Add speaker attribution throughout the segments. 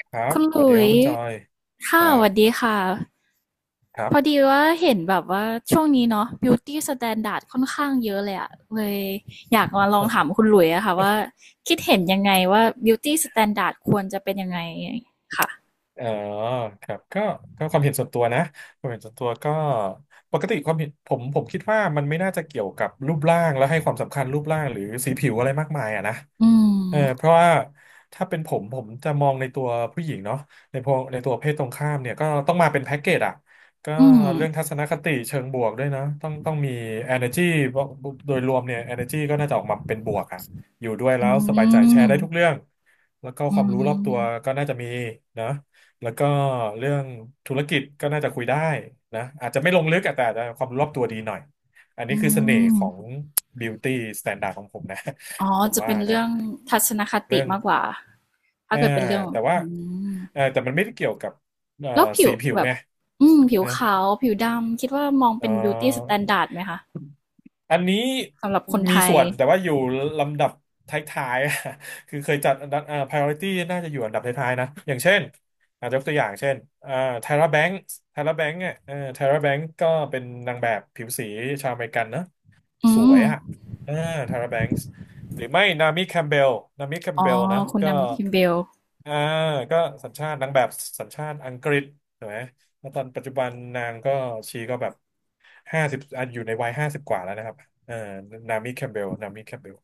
Speaker 1: ครับ
Speaker 2: คุณ
Speaker 1: ส
Speaker 2: ห
Speaker 1: วัส
Speaker 2: ลุ
Speaker 1: ดีครั
Speaker 2: ย
Speaker 1: บคุณ
Speaker 2: ส์
Speaker 1: จอย ค
Speaker 2: ค่ะ
Speaker 1: รั
Speaker 2: สวัส
Speaker 1: บ
Speaker 2: ดีค่ะ
Speaker 1: ครับ
Speaker 2: พอดีว่าเห็นแบบว่าช่วงนี้เนาะ beauty standard ค่อนข้างเยอะเลยอะเลยอยากมาล อง
Speaker 1: โอ้โห
Speaker 2: ถามคุณหลุยส์อะค่ะว่าคิดเห็นยังไงว่า beauty standard ควรจะเป็นยังไงค่ะ
Speaker 1: เออครับก็ความเห็นส่วนตัวนะ ความเห็นส่วนตัวก็ ปกติความเห็นผมคิดว่ามันไม่น่าจะเกี่ยวกับรูปร่างแล้วให้ความสำคัญรูปร่างหรือสีผิวอะไรมากมายอะนะ
Speaker 2: อื
Speaker 1: เออเพ
Speaker 2: ม
Speaker 1: ราะว่าถ้าเป็นผมจะมองในตัวผู้หญิงเนาะในพวกในตัวเพศตรงข้ามเนี่ยก็ต้องมาเป็นแพ็กเกจอะก็
Speaker 2: อืม
Speaker 1: เรื่องทัศนคติเชิงบวกด้วยนะต้องมี energy เพราะโดยรวมเนี่ย energy ก็น่าจะออกมาเป็นบวกอะอยู่ด้วย
Speaker 2: อื
Speaker 1: แล้วสบายใจแชร์ได้ทุก
Speaker 2: ม
Speaker 1: เรื่องแล้วก็ค
Speaker 2: อื
Speaker 1: วามรู้รอบตัว
Speaker 2: ม
Speaker 1: ก็น่าจะมีนะแล้วก็เรื่องธุรกิจก็น่าจะคุยได้นะอาจจะไม่ลงลึกอะแต่อาจจะความรู้รอบตัวดีหน่อยอัน
Speaker 2: อื
Speaker 1: นี้คือเสน่ห์ของ
Speaker 2: ม
Speaker 1: beauty standard ของผมนะ
Speaker 2: อ๋อ
Speaker 1: ผม
Speaker 2: จะ
Speaker 1: ว่า
Speaker 2: เป็น
Speaker 1: นะ
Speaker 2: เรื่องทัศนคติ
Speaker 1: เรื่อง
Speaker 2: มากกว่าถ้า
Speaker 1: อ่า
Speaker 2: เกิดเป็นเรื่อง
Speaker 1: แต่ว่า
Speaker 2: อืม
Speaker 1: แต่มันไม่ได้เกี่ยวกับเอ่อ
Speaker 2: แล้วผิว
Speaker 1: สีผิว
Speaker 2: แบบ
Speaker 1: ไง
Speaker 2: อืมผิว
Speaker 1: นะ
Speaker 2: ขาวผิวดำคิดว่ามอง
Speaker 1: เอ่
Speaker 2: เป็นบิวตี้สแต
Speaker 1: อ
Speaker 2: นดาร์ดไหมคะ
Speaker 1: อันนี้
Speaker 2: สำหรับคน
Speaker 1: มี
Speaker 2: ไทย
Speaker 1: ส่วนแต่ว่าอยู่ลำดับท้ายๆ คือเคยจัดอันดับpriority น่าจะอยู่อันดับท้ายๆนะอย่างเช่นอาจจะยกตัวอย่างเช่นTyra Banks เนี่ยTyra Banks ก็เป็นนางแบบผิวสีชาวอเมริกันนะ
Speaker 2: อื
Speaker 1: สว
Speaker 2: ม
Speaker 1: ยอะอ่าทาราแบงค์หรือไม่นามิแคมเบลนามิแคม
Speaker 2: อ๋อ
Speaker 1: เบลนะ
Speaker 2: คุณ
Speaker 1: ก็
Speaker 2: นามิคิมเบล
Speaker 1: อ่าก็สัญชาตินางแบบสัญชาติอังกฤษถูกไหมแล้วตอนปัจจุบันนางก็ชีก็แบบห้าสิบอยู่ในวัย50 กว่าแล้วนะครับเอ่อนามิแคมเบลนามิแคมเบล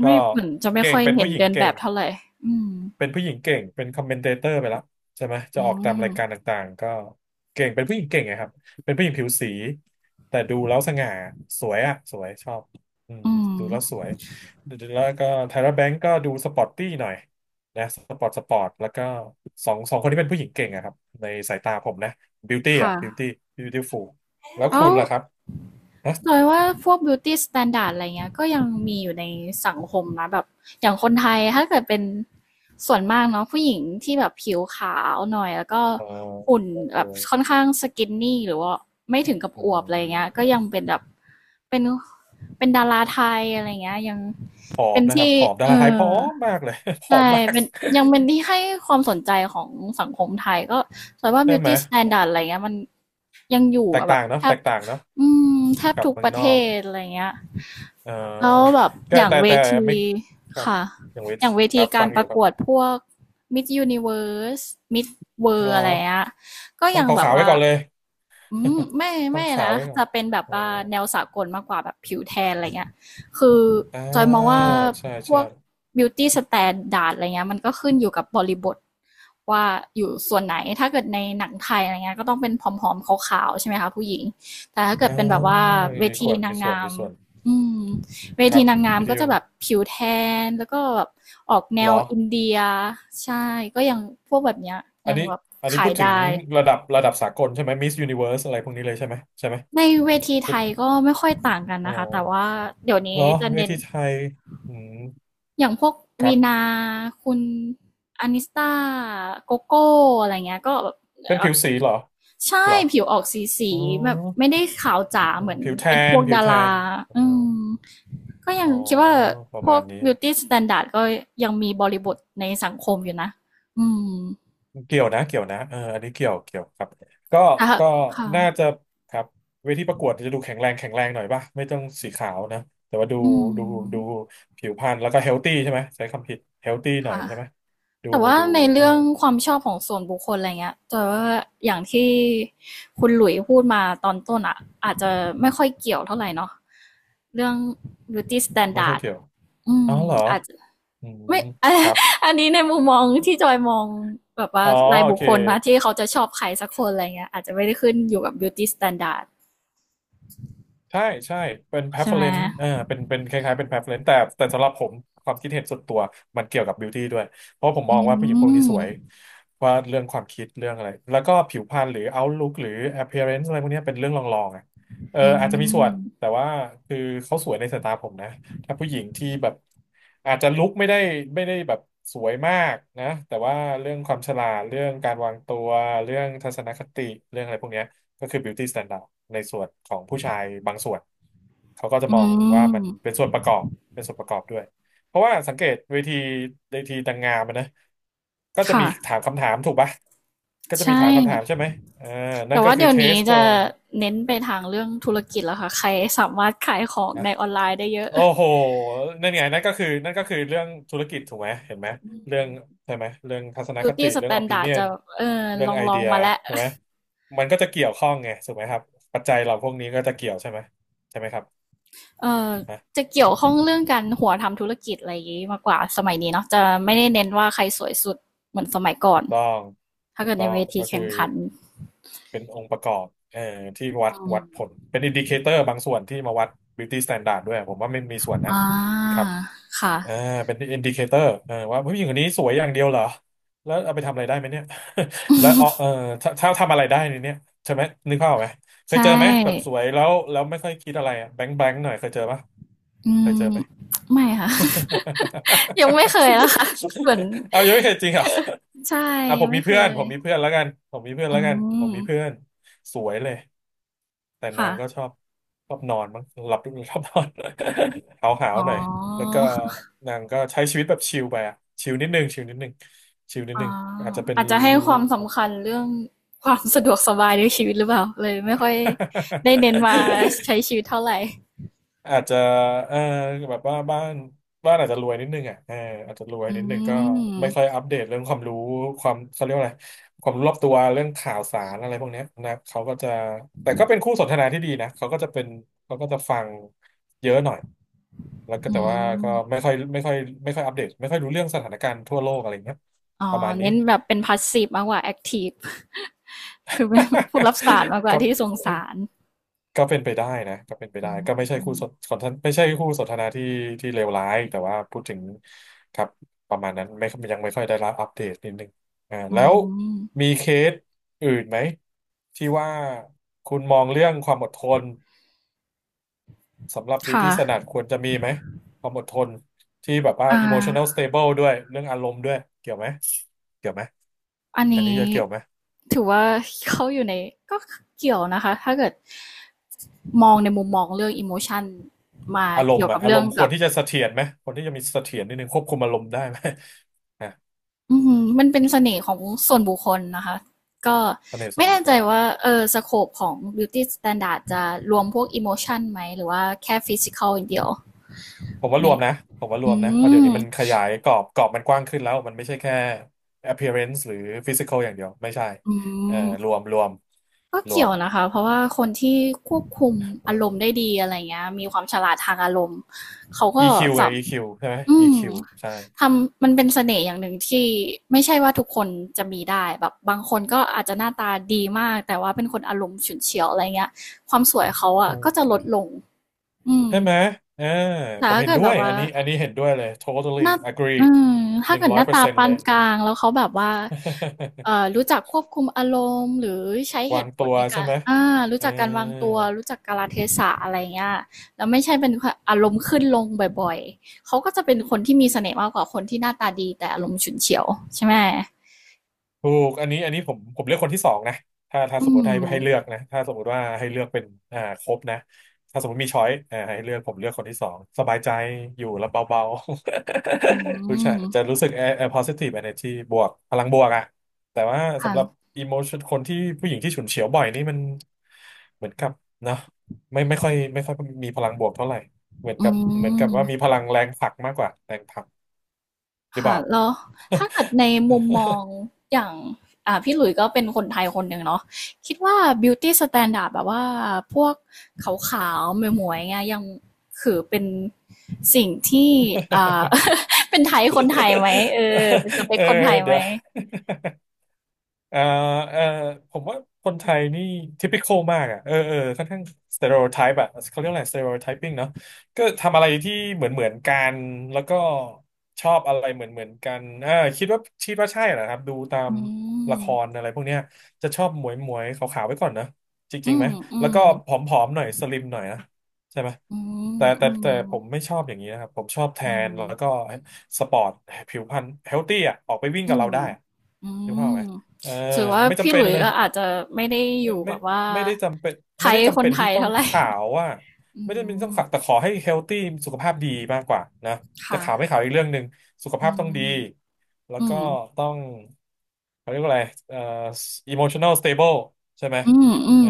Speaker 1: ก็
Speaker 2: ไม่เหมือนจะไม่
Speaker 1: เก่
Speaker 2: ค่
Speaker 1: ง
Speaker 2: อย
Speaker 1: เป็น
Speaker 2: เห็
Speaker 1: ผู้
Speaker 2: น
Speaker 1: หญิง
Speaker 2: เดินแบ
Speaker 1: เก่
Speaker 2: บ
Speaker 1: ง
Speaker 2: เท่าไหร่อืม
Speaker 1: เป็นผู้หญิงเก่งเป็นคอมเมนเตเตอร์ไปแล้วใช่ไหมจะ
Speaker 2: อื
Speaker 1: ออกตามรา
Speaker 2: ม
Speaker 1: ยการต่างๆก็เก่งเป็นผู้หญิงเก่งไงครับเป็นผู้หญิงผิวสีแต่ดูแล้วสง่าสวยอ่ะสวยชอบอืม
Speaker 2: อื
Speaker 1: ดู
Speaker 2: ม
Speaker 1: แล้วสวยแล้วก็ไทระแบงก์ก็ดูสปอร์ตตี้หน่อยนะสปอร์ตแล้วก็สองคนที่เป็นผู้หญิงเก่งอะครับในสายตาผมนะบิวตี้
Speaker 2: ค
Speaker 1: อะบิวตี้
Speaker 2: ่ะ
Speaker 1: บิวตี้ฟูลแล้ว
Speaker 2: แล้
Speaker 1: คุ
Speaker 2: ว
Speaker 1: ณล่ะครับฮะ
Speaker 2: สอยว่าพวก beauty standard อะไรเงี้ยก็ยังมีอยู่ในสังคมนะแบบอย่างคนไทยถ้าเกิดเป็นส่วนมากเนาะผู้หญิงที่แบบผิวขาวหน่อยแล้วก็
Speaker 1: เออ
Speaker 2: หุ่น
Speaker 1: เอ
Speaker 2: แบ
Speaker 1: อ
Speaker 2: บค่อนข้างสกินนี่หรือว่าไม่
Speaker 1: เออ
Speaker 2: ถึงกับ
Speaker 1: อื
Speaker 2: อวบอะไรเงี้ย
Speaker 1: ม
Speaker 2: ก็ยังเป็นแบบเป็นเป็นดาราไทยอะไรเงี้ยยัง
Speaker 1: ผอ
Speaker 2: เป็
Speaker 1: ม
Speaker 2: น
Speaker 1: นะครั
Speaker 2: ที่
Speaker 1: บผอมดา
Speaker 2: เอ
Speaker 1: ราไทยผ
Speaker 2: อ
Speaker 1: อมมากเลย ผอม
Speaker 2: ใช่
Speaker 1: มาก
Speaker 2: เป็นยังเป็นที่ให้ความสนใจของสังคมไทยก็แตยว่า
Speaker 1: ใช่ไหม
Speaker 2: beauty standard อะไรเงี้ยมันยังอยู่
Speaker 1: แตก
Speaker 2: อะแบ
Speaker 1: ต่า
Speaker 2: บ
Speaker 1: งเนาะ
Speaker 2: แท
Speaker 1: แต
Speaker 2: บ
Speaker 1: กต่างเนาะ
Speaker 2: อืมแทบ
Speaker 1: กับ
Speaker 2: ทุก
Speaker 1: เมือ
Speaker 2: ป
Speaker 1: ง
Speaker 2: ระ
Speaker 1: น
Speaker 2: เท
Speaker 1: อก
Speaker 2: ศอะไรเงี้ย
Speaker 1: เออ
Speaker 2: แล้วแบบ
Speaker 1: ก็
Speaker 2: อย่าง
Speaker 1: แต่
Speaker 2: เว
Speaker 1: แต่
Speaker 2: ที
Speaker 1: ไม่ครับ
Speaker 2: ค่ะ
Speaker 1: อย่างเวท
Speaker 2: อย่างเว
Speaker 1: ค
Speaker 2: ที
Speaker 1: รับ
Speaker 2: กา
Speaker 1: ฟั
Speaker 2: ร
Speaker 1: งอ
Speaker 2: ป
Speaker 1: ยู่
Speaker 2: ระ
Speaker 1: ค
Speaker 2: ก
Speaker 1: รับ
Speaker 2: วดพวก Miss Universe Miss
Speaker 1: เหร
Speaker 2: World
Speaker 1: อ
Speaker 2: อะไรเงี้ยก็
Speaker 1: ต้อง
Speaker 2: ยังแบบ
Speaker 1: ขาวๆไว้
Speaker 2: ว่า
Speaker 1: ก่อนเลย
Speaker 2: อืมไม่
Speaker 1: ต้อง
Speaker 2: ไม่
Speaker 1: ขาว
Speaker 2: นะ
Speaker 1: ไว้ก่อ
Speaker 2: จะ
Speaker 1: น
Speaker 2: เป็นแบบ
Speaker 1: อ๋อ
Speaker 2: ว่าแนวสากลมากกว่าแบบผิวแทนอะไรเงี้ยคือ
Speaker 1: อ่
Speaker 2: จอยมอง
Speaker 1: า
Speaker 2: ว่า
Speaker 1: ใช่
Speaker 2: พว
Speaker 1: ใช่
Speaker 2: ก beauty standard อะไรเงี้ยมันก็ขึ้นอยู่กับบริบทว่าอยู่ส่วนไหนถ้าเกิดในหนังไทยอะไรเงี้ยก็ต้องเป็นผอมๆขาวๆใช่ไหมคะผู้หญิง แต่ถ้าเกิด
Speaker 1: อ่า
Speaker 2: เป็นแบบว่าเว
Speaker 1: มี
Speaker 2: ที
Speaker 1: ส่วน
Speaker 2: นา
Speaker 1: มี
Speaker 2: ง
Speaker 1: ส่วน
Speaker 2: งา
Speaker 1: มี
Speaker 2: ม
Speaker 1: ส่วน
Speaker 2: อืมเว
Speaker 1: ครั
Speaker 2: ที
Speaker 1: บ
Speaker 2: นางงาม
Speaker 1: วิ
Speaker 2: ก็
Speaker 1: ธีเ
Speaker 2: จะแบบผิวแทนแล้วก็แบบออกแน
Speaker 1: หร
Speaker 2: ว
Speaker 1: อ
Speaker 2: อินเดียใช่ก็ยังพวกแบบเนี้ย
Speaker 1: อั
Speaker 2: ยั
Speaker 1: น
Speaker 2: ง
Speaker 1: นี้
Speaker 2: แบบ
Speaker 1: อันนี้
Speaker 2: ขา
Speaker 1: พู
Speaker 2: ย
Speaker 1: ดถึง
Speaker 2: ได้
Speaker 1: ระดับสากลใช่ไหมมิสยูนิเวิร์สอะไรพวกนี้เลยใช่ไหมใช่ไหม
Speaker 2: ในเวที
Speaker 1: พู
Speaker 2: ไท
Speaker 1: ด
Speaker 2: ยก็ไม่ค่อยต่างกัน
Speaker 1: อ๋อ
Speaker 2: นะคะแต่ว่าเดี๋ยว
Speaker 1: เห
Speaker 2: นี้
Speaker 1: รอ
Speaker 2: จะ
Speaker 1: เว
Speaker 2: เน้น
Speaker 1: ทีไทยอืม
Speaker 2: อย่างพวก
Speaker 1: ครั
Speaker 2: วีนา
Speaker 1: บ
Speaker 2: คุณอานิสตาโกโก้อะไรเงี้ยก็แบบ
Speaker 1: เป็นผิวสีเหรอ
Speaker 2: ใช่
Speaker 1: เหรอ
Speaker 2: ผิวออกสี
Speaker 1: อ๋อ
Speaker 2: ๆแบบไม่ได้ขาวจ๋า
Speaker 1: อ๋อ
Speaker 2: เหมือน
Speaker 1: ผิวแท
Speaker 2: เป็นพ
Speaker 1: น
Speaker 2: วก
Speaker 1: ผิว
Speaker 2: ดา
Speaker 1: แท
Speaker 2: รา
Speaker 1: นอ๋อ
Speaker 2: อืมก็ยั
Speaker 1: อ๋
Speaker 2: ง
Speaker 1: อ
Speaker 2: คิดว่า
Speaker 1: ประ
Speaker 2: พว
Speaker 1: มาณ
Speaker 2: ก
Speaker 1: นี้
Speaker 2: beauty standard ก็ยังมีบริบทในสังคมอยู่นะอืม
Speaker 1: เกี่ยวนะเกี่ยวนะอันนี้เกี่ยวเกี่ยวครับก็
Speaker 2: ค่ะ
Speaker 1: ก็
Speaker 2: ค่ะ
Speaker 1: น่าจะครับเวทีประกวดจะดูแข็งแรงแข็งแรงหน่อยป่ะไม่ต้องสีขาวนะแต่ว่าดู
Speaker 2: อื
Speaker 1: ดูดู
Speaker 2: ม
Speaker 1: ผิวพรรณแล้วก็เฮลตี้ใช่ไหมใช้คำผิดเฮลตี้หน่อย
Speaker 2: ค่ะ
Speaker 1: ใช่ไหมดู
Speaker 2: แต่ว่า
Speaker 1: ดู
Speaker 2: ใน
Speaker 1: เออ
Speaker 2: เรื่องความชอบของส่วนบุคคลอะไรเงี้ยแต่ว่าอย่างที่คุณหลุยพูดมาตอนต้นอ่ะอาจจะไม่ค่อยเกี่ยวเท่าไหร่เนาะเรื่อง beauty
Speaker 1: ไม่ค่อย
Speaker 2: standard
Speaker 1: เกี่ยว
Speaker 2: อื
Speaker 1: อ๋อ
Speaker 2: ม
Speaker 1: เหรอ
Speaker 2: อาจจะ
Speaker 1: อืม
Speaker 2: ไม่ อา
Speaker 1: ครับ
Speaker 2: อันนี้ในมุมมองที่จอยมองแบบว่า
Speaker 1: อ๋อ
Speaker 2: ราย
Speaker 1: โอ
Speaker 2: บุค
Speaker 1: เค
Speaker 2: คลนะที่เขาจะชอบใครสักคนอะไรเงี้ยอาจจะไม่ได้ขึ้นอยู่กับ Beauty Standard
Speaker 1: ใช่ใช่เป็น
Speaker 2: ใช่ไหม
Speaker 1: preference เออเป็นคล้ายๆเป็น preference แต่สำหรับผมความคิดเห็นส่วนตัวมันเกี่ยวกับ beauty ด้วยเพราะผม
Speaker 2: อื
Speaker 1: มองว่าผู้หญิงพวกนี้สวย
Speaker 2: ม
Speaker 1: ว่าเรื่องความคิดเรื่องอะไรแล้วก็ผิวพรรณหรือ outlook หรือ appearance อะไรพวกเนี้ยเป็นเรื่องรองๆอ่ะเออ
Speaker 2: อื
Speaker 1: อาจจะมีส่วนแต่
Speaker 2: ม
Speaker 1: ว่าคือเขาสวยในสายตาผมนะถ้าผู้หญิงที่แบบอาจจะลุคไม่ได้แบบสวยมากนะแต่ว่าเรื่องความฉลาดเรื่องการวางตัวเรื่องทัศนคติเรื่องอะไรพวกเนี้ย ก็คือ beauty standard ในส่วนของผู้ชายบางส่วนเขาก็จะ
Speaker 2: อื
Speaker 1: มองว่า
Speaker 2: ม
Speaker 1: มันเป็นส่วนประกอบเป็นส่วนประกอบด้วยเพราะว่าสังเกตเวทีนางงามอะนะก็จะ
Speaker 2: ค่ะ
Speaker 1: มีถามคำถามถูกปะก็จะ
Speaker 2: ใช่
Speaker 1: มีถามคำถามใช่ไหมเออนั่
Speaker 2: แต่
Speaker 1: นก็
Speaker 2: ว่า
Speaker 1: คือ
Speaker 2: เดี๋ยว
Speaker 1: เท
Speaker 2: นี้
Speaker 1: สเพ
Speaker 2: จะ
Speaker 1: ราะว่า
Speaker 2: เน้น
Speaker 1: ค
Speaker 2: ไป
Speaker 1: รับ
Speaker 2: ทางเรื่องธุรกิจแล้วค่ะใครสามารถขายของ
Speaker 1: นะ
Speaker 2: ในออนไลน์ได้เยอะ
Speaker 1: โอ้โหนั่นไงนั่นก็คือเรื่องธุรกิจถูกไหมเห็นไหม
Speaker 2: อืม
Speaker 1: เรื่องใช่ไหมเรื่องทัศนค
Speaker 2: Beauty
Speaker 1: ติเรื่อง
Speaker 2: Standard
Speaker 1: opinion
Speaker 2: จะเออ
Speaker 1: เรื่องไอ
Speaker 2: ลอ
Speaker 1: เดี
Speaker 2: ง
Speaker 1: ย
Speaker 2: ๆมาแล้ว
Speaker 1: ถูกไหมมันก็จะเกี่ยวข้องไงถูกไหมครับปัจจัยเราพวกนี้ก็จะเกี่ยวใช่ไหมใช่ไหมครับ
Speaker 2: เอ่อ
Speaker 1: นะ
Speaker 2: จะเกี่ยวข้องเรื่องการหัวทำธุรกิจอะไรอย่างนี้มากกว่าสมัยนี้เนาะจะไม่ได้เน้นว่าใครสวยสุดเหมือนสมัยก่อ
Speaker 1: ถู
Speaker 2: น
Speaker 1: กต้อง
Speaker 2: ถ้า
Speaker 1: ถูก
Speaker 2: เกิด
Speaker 1: ต้
Speaker 2: ใน
Speaker 1: อ
Speaker 2: เว
Speaker 1: ง
Speaker 2: ที
Speaker 1: ก็คื
Speaker 2: แข่
Speaker 1: อ
Speaker 2: งขัน
Speaker 1: เป็นองค์ประกอบเอ่อที่วั
Speaker 2: อื
Speaker 1: ด
Speaker 2: ม
Speaker 1: ผลเป็นอินดิเคเตอร์บางส่วนที่มาวัด beauty standard ด้วยผมว่าไม่มีส่วนนะ
Speaker 2: อ่
Speaker 1: ค
Speaker 2: า
Speaker 1: รับ
Speaker 2: ค่ะ
Speaker 1: อ่าเป็นอินดิเคเตอร์ว่าผู้หญิงคนนี้สวยอย่างเดียวเหรอแล้วเอาไปทำอะไรได้ไหมเนี่ย แล้วเอาถ้าทำอะไรได้ในเนี้ยใช่ไหมนึกภาพออกไหมเค
Speaker 2: ใช
Speaker 1: ยเจอไหมแบบส
Speaker 2: ่
Speaker 1: วยแล้วไม่ค่อยคิดอะไรอ่ะแบงค์หน่อยเคยเจอปะ
Speaker 2: อื
Speaker 1: เคยเจอ
Speaker 2: ม
Speaker 1: ไหม
Speaker 2: ไม่ค่ะ ยังไม่เคยนะคะเหมือน
Speaker 1: เอายังไม่เคยจริงเหรอ
Speaker 2: ใช่
Speaker 1: อ่ะผ
Speaker 2: ยัง
Speaker 1: มมี
Speaker 2: ไม่เค
Speaker 1: เพื่อน
Speaker 2: ย
Speaker 1: ผมมีเพื่อนแล้วกันผมมีเพื่อน
Speaker 2: อื
Speaker 1: แล้วกันผม
Speaker 2: ม
Speaker 1: มีเพื่อนสวยเลย แต่นา
Speaker 2: ค่ะ
Speaker 1: งก็ชอบนอนมั้งหลับชอบนอน หาว
Speaker 2: อ๋
Speaker 1: หน่อยแล้วก็
Speaker 2: อ
Speaker 1: นางก็ใช้ชีวิตแบบชิลไปอะชิลนิดนึงชิลนิดนึงชิลนิด
Speaker 2: อ๋อ
Speaker 1: นึงอาจจะเป็น
Speaker 2: อาจจะให้ความสำคัญเรื่องความสะดวกสบายในชีวิตหรือเปล่าเลยไม่ค่อยได้เน้นมาใช้ ชีวิตเท่าไร
Speaker 1: อาจจะเออแบบว่าบ้านอาจจะรวยนิดนึงอ่ะอาจจะรวย
Speaker 2: อื
Speaker 1: นิด
Speaker 2: ม
Speaker 1: นึงก็ไม่ค่อยอัปเดตเรื่องความรู้ความเขาเรียกว่าอะไรความรู้รอบตัวเรื่องข่าวสารอะไรพวกเนี้ยนะเขาก็จะแต่ก็เป็นคู่สนทนาที่ดีนะเขาก็จะเป็นเขาก็จะฟังเยอะหน่อยแล้วก็
Speaker 2: อื
Speaker 1: แต่ว่าก็
Speaker 2: ม
Speaker 1: ไม่ค่อยอัปเดตไม่ค่อยรู้เรื่องสถานการณ์ทั่วโลกอะไรเงี้ย
Speaker 2: อ๋อ
Speaker 1: ประมาณนี้
Speaker 2: เน้นแบบเป็น passive มากกว่า active คือเป็นผู้รับสารมากก
Speaker 1: ค
Speaker 2: ว่า
Speaker 1: รับ
Speaker 2: ที่ส่งสาร
Speaker 1: ก็เป็นไปได้นะก็เป็นไป
Speaker 2: อื
Speaker 1: ได้ก็
Speaker 2: ม
Speaker 1: ไม่ใช่คู่สนทนาที่เลวร้ายแต่ว่าพูดถึงครับประมาณนั้นไม่ยังไม่ค่อยได้รับอัปเดตนิดนึงอ่า
Speaker 2: อื
Speaker 1: แล้วมี
Speaker 2: ม
Speaker 1: เคสอื่นไหมที่ว่าคุณมองเรื่องความอดทนสำหรับ
Speaker 2: ค่ะ
Speaker 1: beauty standard ควรจะมีไหมความอดทนที่แบบว่า
Speaker 2: อ่า
Speaker 1: emotional stable ด้วยเรื่องอารมณ์ด้วยเกี่ยวไหมเกี่ยวไหม
Speaker 2: อัน
Speaker 1: อัน
Speaker 2: นี้
Speaker 1: นี้จะเกี่ยวไหม
Speaker 2: ถือว่าเข้าอยู่ในก็เกี่ยวนะคะถ้าเกิดมองในมุมมองเรื่อง emotion มา
Speaker 1: อารม
Speaker 2: เกี่ย
Speaker 1: ณ์
Speaker 2: ว
Speaker 1: อะ
Speaker 2: กับ
Speaker 1: อา
Speaker 2: เรื่
Speaker 1: ร
Speaker 2: อง
Speaker 1: มณ์คว
Speaker 2: กั
Speaker 1: ร
Speaker 2: บ
Speaker 1: ที่จะเสถียรไหมคนที่จะมีเสถียรนิดนึงควบคุมอารมณ์ได้ไหม อ่ะ
Speaker 2: อือหือมันเป็นเสน่ห์ของส่วนบุคคลนะคะก็
Speaker 1: เสน่ห์ส่
Speaker 2: ไม่
Speaker 1: วนบุ
Speaker 2: แน่
Speaker 1: คค
Speaker 2: ใจ
Speaker 1: ล
Speaker 2: ว่าเออสโคปของ beauty standard จะรวมพวก emotion ไหมหรือว่าแค่ physical อย่างเดียว
Speaker 1: ผมว่าร
Speaker 2: เนี่
Speaker 1: วม
Speaker 2: ย
Speaker 1: นะผมว่ารว
Speaker 2: อื
Speaker 1: มนะเพราะเดี๋ยว
Speaker 2: ม
Speaker 1: นี้มันขยายกรอบมันกว้างขึ้นแล้ว มันไม่ใช่แค่ appearance หรือ physical อย่างเดียว ไม่ใช่
Speaker 2: อื
Speaker 1: เออร
Speaker 2: ม
Speaker 1: วม รวม
Speaker 2: ก็
Speaker 1: รว
Speaker 2: เกี่ย
Speaker 1: ม
Speaker 2: วนะคะเพราะว่าคนที่ควบคุม
Speaker 1: เอ
Speaker 2: อารมณ์ได้
Speaker 1: อ
Speaker 2: ดีอะไรเงี้ยมีความฉลาดทางอารมณ์เขาก็
Speaker 1: EQ ไง
Speaker 2: สา
Speaker 1: EQ ใช่ไหม
Speaker 2: อืม
Speaker 1: EQ ใช่
Speaker 2: ทำมันเป็นเสน่ห์อย่างหนึ่งที่ไม่ใช่ว่าทุกคนจะมีได้แบบบางคนก็อาจจะหน้าตาดีมากแต่ว่าเป็นคนอารมณ์ฉุนเฉียวอะไรเงี้ยความสวยเขาอะก็จะ
Speaker 1: เออ
Speaker 2: ลดลงอืม
Speaker 1: ใช่ไหม เออ
Speaker 2: แต่
Speaker 1: ผม
Speaker 2: ถ้า
Speaker 1: เห็น
Speaker 2: เกิด
Speaker 1: ด้
Speaker 2: แบ
Speaker 1: ว
Speaker 2: บ
Speaker 1: ย
Speaker 2: ว่า
Speaker 1: อันนี้อันนี้เห็นด้วยเลย totally
Speaker 2: หน้า
Speaker 1: agree
Speaker 2: อืม
Speaker 1: ห
Speaker 2: ถ้า
Speaker 1: นึ่ง
Speaker 2: เกิด
Speaker 1: ร้
Speaker 2: ห
Speaker 1: อย
Speaker 2: น้า
Speaker 1: เปอร์
Speaker 2: ตา
Speaker 1: เซ็นต์
Speaker 2: ปา
Speaker 1: เล
Speaker 2: น
Speaker 1: ยอัน
Speaker 2: ก
Speaker 1: นี้
Speaker 2: ลางแล้วเขาแบบว่ารู้จักควบคุมอารมณ์หรือใช้ เห
Speaker 1: วาง
Speaker 2: ตุผ
Speaker 1: ตั
Speaker 2: ล
Speaker 1: ว
Speaker 2: ใน
Speaker 1: ใช่
Speaker 2: การ
Speaker 1: ไหม
Speaker 2: อารู้
Speaker 1: เออ
Speaker 2: จักการวางตัวรู้จักกาลเทศะอะไร่เงี้ยแล้วไม่ใช่เป็นคอารมณ์ขึ้นลงบ่อยๆเขาก็จะเป็นคนที่มีเสน่ห์มากกว่าคนที่หน้าตาดีแต่อารมณ์ฉุนเฉียวใช่ไหม
Speaker 1: ถูกอันนี้อันนี้ผมเลือกคนที่สองนะถ้าส
Speaker 2: อื
Speaker 1: มมติ
Speaker 2: ม
Speaker 1: ให้เลือกนะถ้าสมมติว่าให้เลือกเป็นอ่าครบนะถ้าสมมติมีช้อยอ่าให้เลือกผมเลือกคนที่สองสบายใจอยู่แล้วเบา
Speaker 2: อื
Speaker 1: ๆ ผู้ชายจะ
Speaker 2: ม
Speaker 1: รู้สึกpositive energy บวกพลังบวกอะแต่ว่า
Speaker 2: ค่ะ
Speaker 1: สำหรับ emotion คนที่ผู้หญิงที่ฉุนเฉียวบ่อยนี่มันเหมือนกับเนาะไม่ค่อยมีพลังบวกเท่าไหร่
Speaker 2: อื
Speaker 1: เหมือนกับว่ามีพ
Speaker 2: ม
Speaker 1: ลังแรงผลักมากกว่าแรงผลักหรือเป
Speaker 2: ค่ะ
Speaker 1: ล่า
Speaker 2: แล้วถ้าเกิดในมุมมองอย่างอ่าพี่หลุยส์ก็เป็นคนไทยคนหนึ่งเนาะคิดว่า beauty standard แบบว่าพวกขาวๆหมวยๆเงี้ยยังคือเป็นสิ่งที่อ่า เป็นไทยคนไทยไหมเออเป็นสเป
Speaker 1: เอ
Speaker 2: ค
Speaker 1: อ
Speaker 2: คนไทยไห
Speaker 1: เดี๋
Speaker 2: ม
Speaker 1: ยว เอ่อเอ่อผมว่าคนไทยนี่ typical มากอ่ะเออเออค่อนข้าง stereotype อ่ะเขาเรียกอะไร stereotyping เนาะก็ทำอะไรที่เหมือนกันแล้วก็ชอบอะไรเหมือนกันอ่าคิดว่าใช่เหรอครับดูตาม
Speaker 2: อืม
Speaker 1: ละครอะไรพวกเนี้ยจะชอบหมวยขาวๆไว้ก่อนนะจริ
Speaker 2: อื
Speaker 1: งๆไหม
Speaker 2: มอื
Speaker 1: แล้ว
Speaker 2: ม
Speaker 1: ก็ผอมๆหน่อยสลิมหน่อยนะใช่ไหม
Speaker 2: อืมอื
Speaker 1: แต่
Speaker 2: ม
Speaker 1: ผมไม่ชอบอย่างนี้นะครับผมชอบแท
Speaker 2: อื
Speaker 1: น
Speaker 2: ม
Speaker 1: แล้วก็สปอร์ตผิวพรรณเฮลตี้อ่ะออกไปวิ่ง
Speaker 2: อื
Speaker 1: กับเรา
Speaker 2: ม
Speaker 1: ได้
Speaker 2: อื
Speaker 1: นึกภาพไห
Speaker 2: ม
Speaker 1: ม เออ
Speaker 2: ถือว่า
Speaker 1: ไม่
Speaker 2: พี่
Speaker 1: จำ
Speaker 2: ห
Speaker 1: เป็
Speaker 2: ลุ
Speaker 1: น
Speaker 2: ย
Speaker 1: เล
Speaker 2: ส์
Speaker 1: ย
Speaker 2: ก็อาจจะไม่ได้อ
Speaker 1: ไม่
Speaker 2: ยู่แบ
Speaker 1: ไม่
Speaker 2: บว่า
Speaker 1: ไม่ได้จำเป็น
Speaker 2: ไท
Speaker 1: ไม่
Speaker 2: ย
Speaker 1: ได้
Speaker 2: ค
Speaker 1: จำ
Speaker 2: น
Speaker 1: เป็น
Speaker 2: ไท
Speaker 1: ที่
Speaker 2: ย
Speaker 1: ต้อง
Speaker 2: เท่าไหร่
Speaker 1: ขาวอ่ะ
Speaker 2: อื
Speaker 1: ไม่ได้เป็นต้อ
Speaker 2: ม
Speaker 1: งขาวแต่ขอให้เฮลตี้สุขภาพดีมากกว่านะจะขาวไม่
Speaker 2: ค่ะ
Speaker 1: ขาวอีกเรื่องหนึ่งสุข
Speaker 2: อื
Speaker 1: ภาพต้องดี
Speaker 2: ม
Speaker 1: แล้ว
Speaker 2: อื
Speaker 1: ก็
Speaker 2: ม
Speaker 1: ต้องเขาเรียกว่าอะไรเอ่อ emotional stable ใช่ไหม
Speaker 2: อืมอื
Speaker 1: เอ
Speaker 2: ม
Speaker 1: อ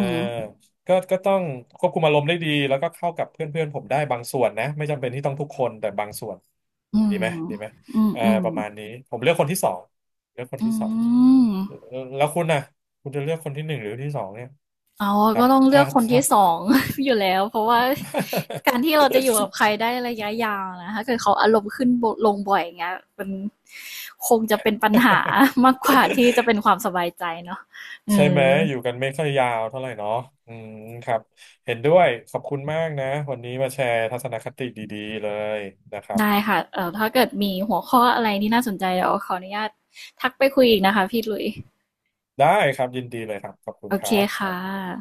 Speaker 1: ก็ก็ต้องควบคุมอารมณ์ได้ดีแล้วก็เข้ากับเพื่อนเพื่อนผมได้บางส่วนนะไม่จำเป็นที่ต้องทุกคนแต่บางส่วน
Speaker 2: อื
Speaker 1: ดี
Speaker 2: ม
Speaker 1: ไหมดีไหม
Speaker 2: อืม
Speaker 1: เออ
Speaker 2: อืม
Speaker 1: ประมาณนี้ผมเลือกคนที่สองเลือกคน
Speaker 2: อื
Speaker 1: ที่สอง
Speaker 2: ม
Speaker 1: แล้วคุณน่ะคุณจะเลือกคนที่หนึ่งหรือที่สองเนี่ย
Speaker 2: อ๋อ
Speaker 1: ครั
Speaker 2: ก็
Speaker 1: บ
Speaker 2: ต้องเลื
Speaker 1: ถ้า
Speaker 2: อกคน
Speaker 1: ถ้า
Speaker 2: ที่2อง อยู่แล้ว เพราะว่าการที่เราจะอยู่กับใครได้ระยะยาวนะถ้าเกิดเขาอารมณ์ขึ้นบลงบ่อยอย่างเงี้ยมันคงจะเป็นปัญหามากกว่าที่จะ เป็นความสบายใจเนาะเอ
Speaker 1: ใช่ไหม
Speaker 2: อ
Speaker 1: อยู่กันไม่ค่อยยาวเท่าไหร่เนาะอืมครับเห็นด้วยขอบคุณมากนะวันนี้มาแชร์ทัศนคติดีๆเลยนะครับ
Speaker 2: ได้ค่ะถ้าเกิดมีหัวข้ออะไรที่น่าสนใจเดี๋ยวขออนุญาตทักไปคุยอีกนะคะพี่หลุย
Speaker 1: ได้ครับยินดีเลยครับขอบคุ
Speaker 2: โอ
Speaker 1: ณค
Speaker 2: เค
Speaker 1: รับค
Speaker 2: ค่
Speaker 1: รับ
Speaker 2: ะ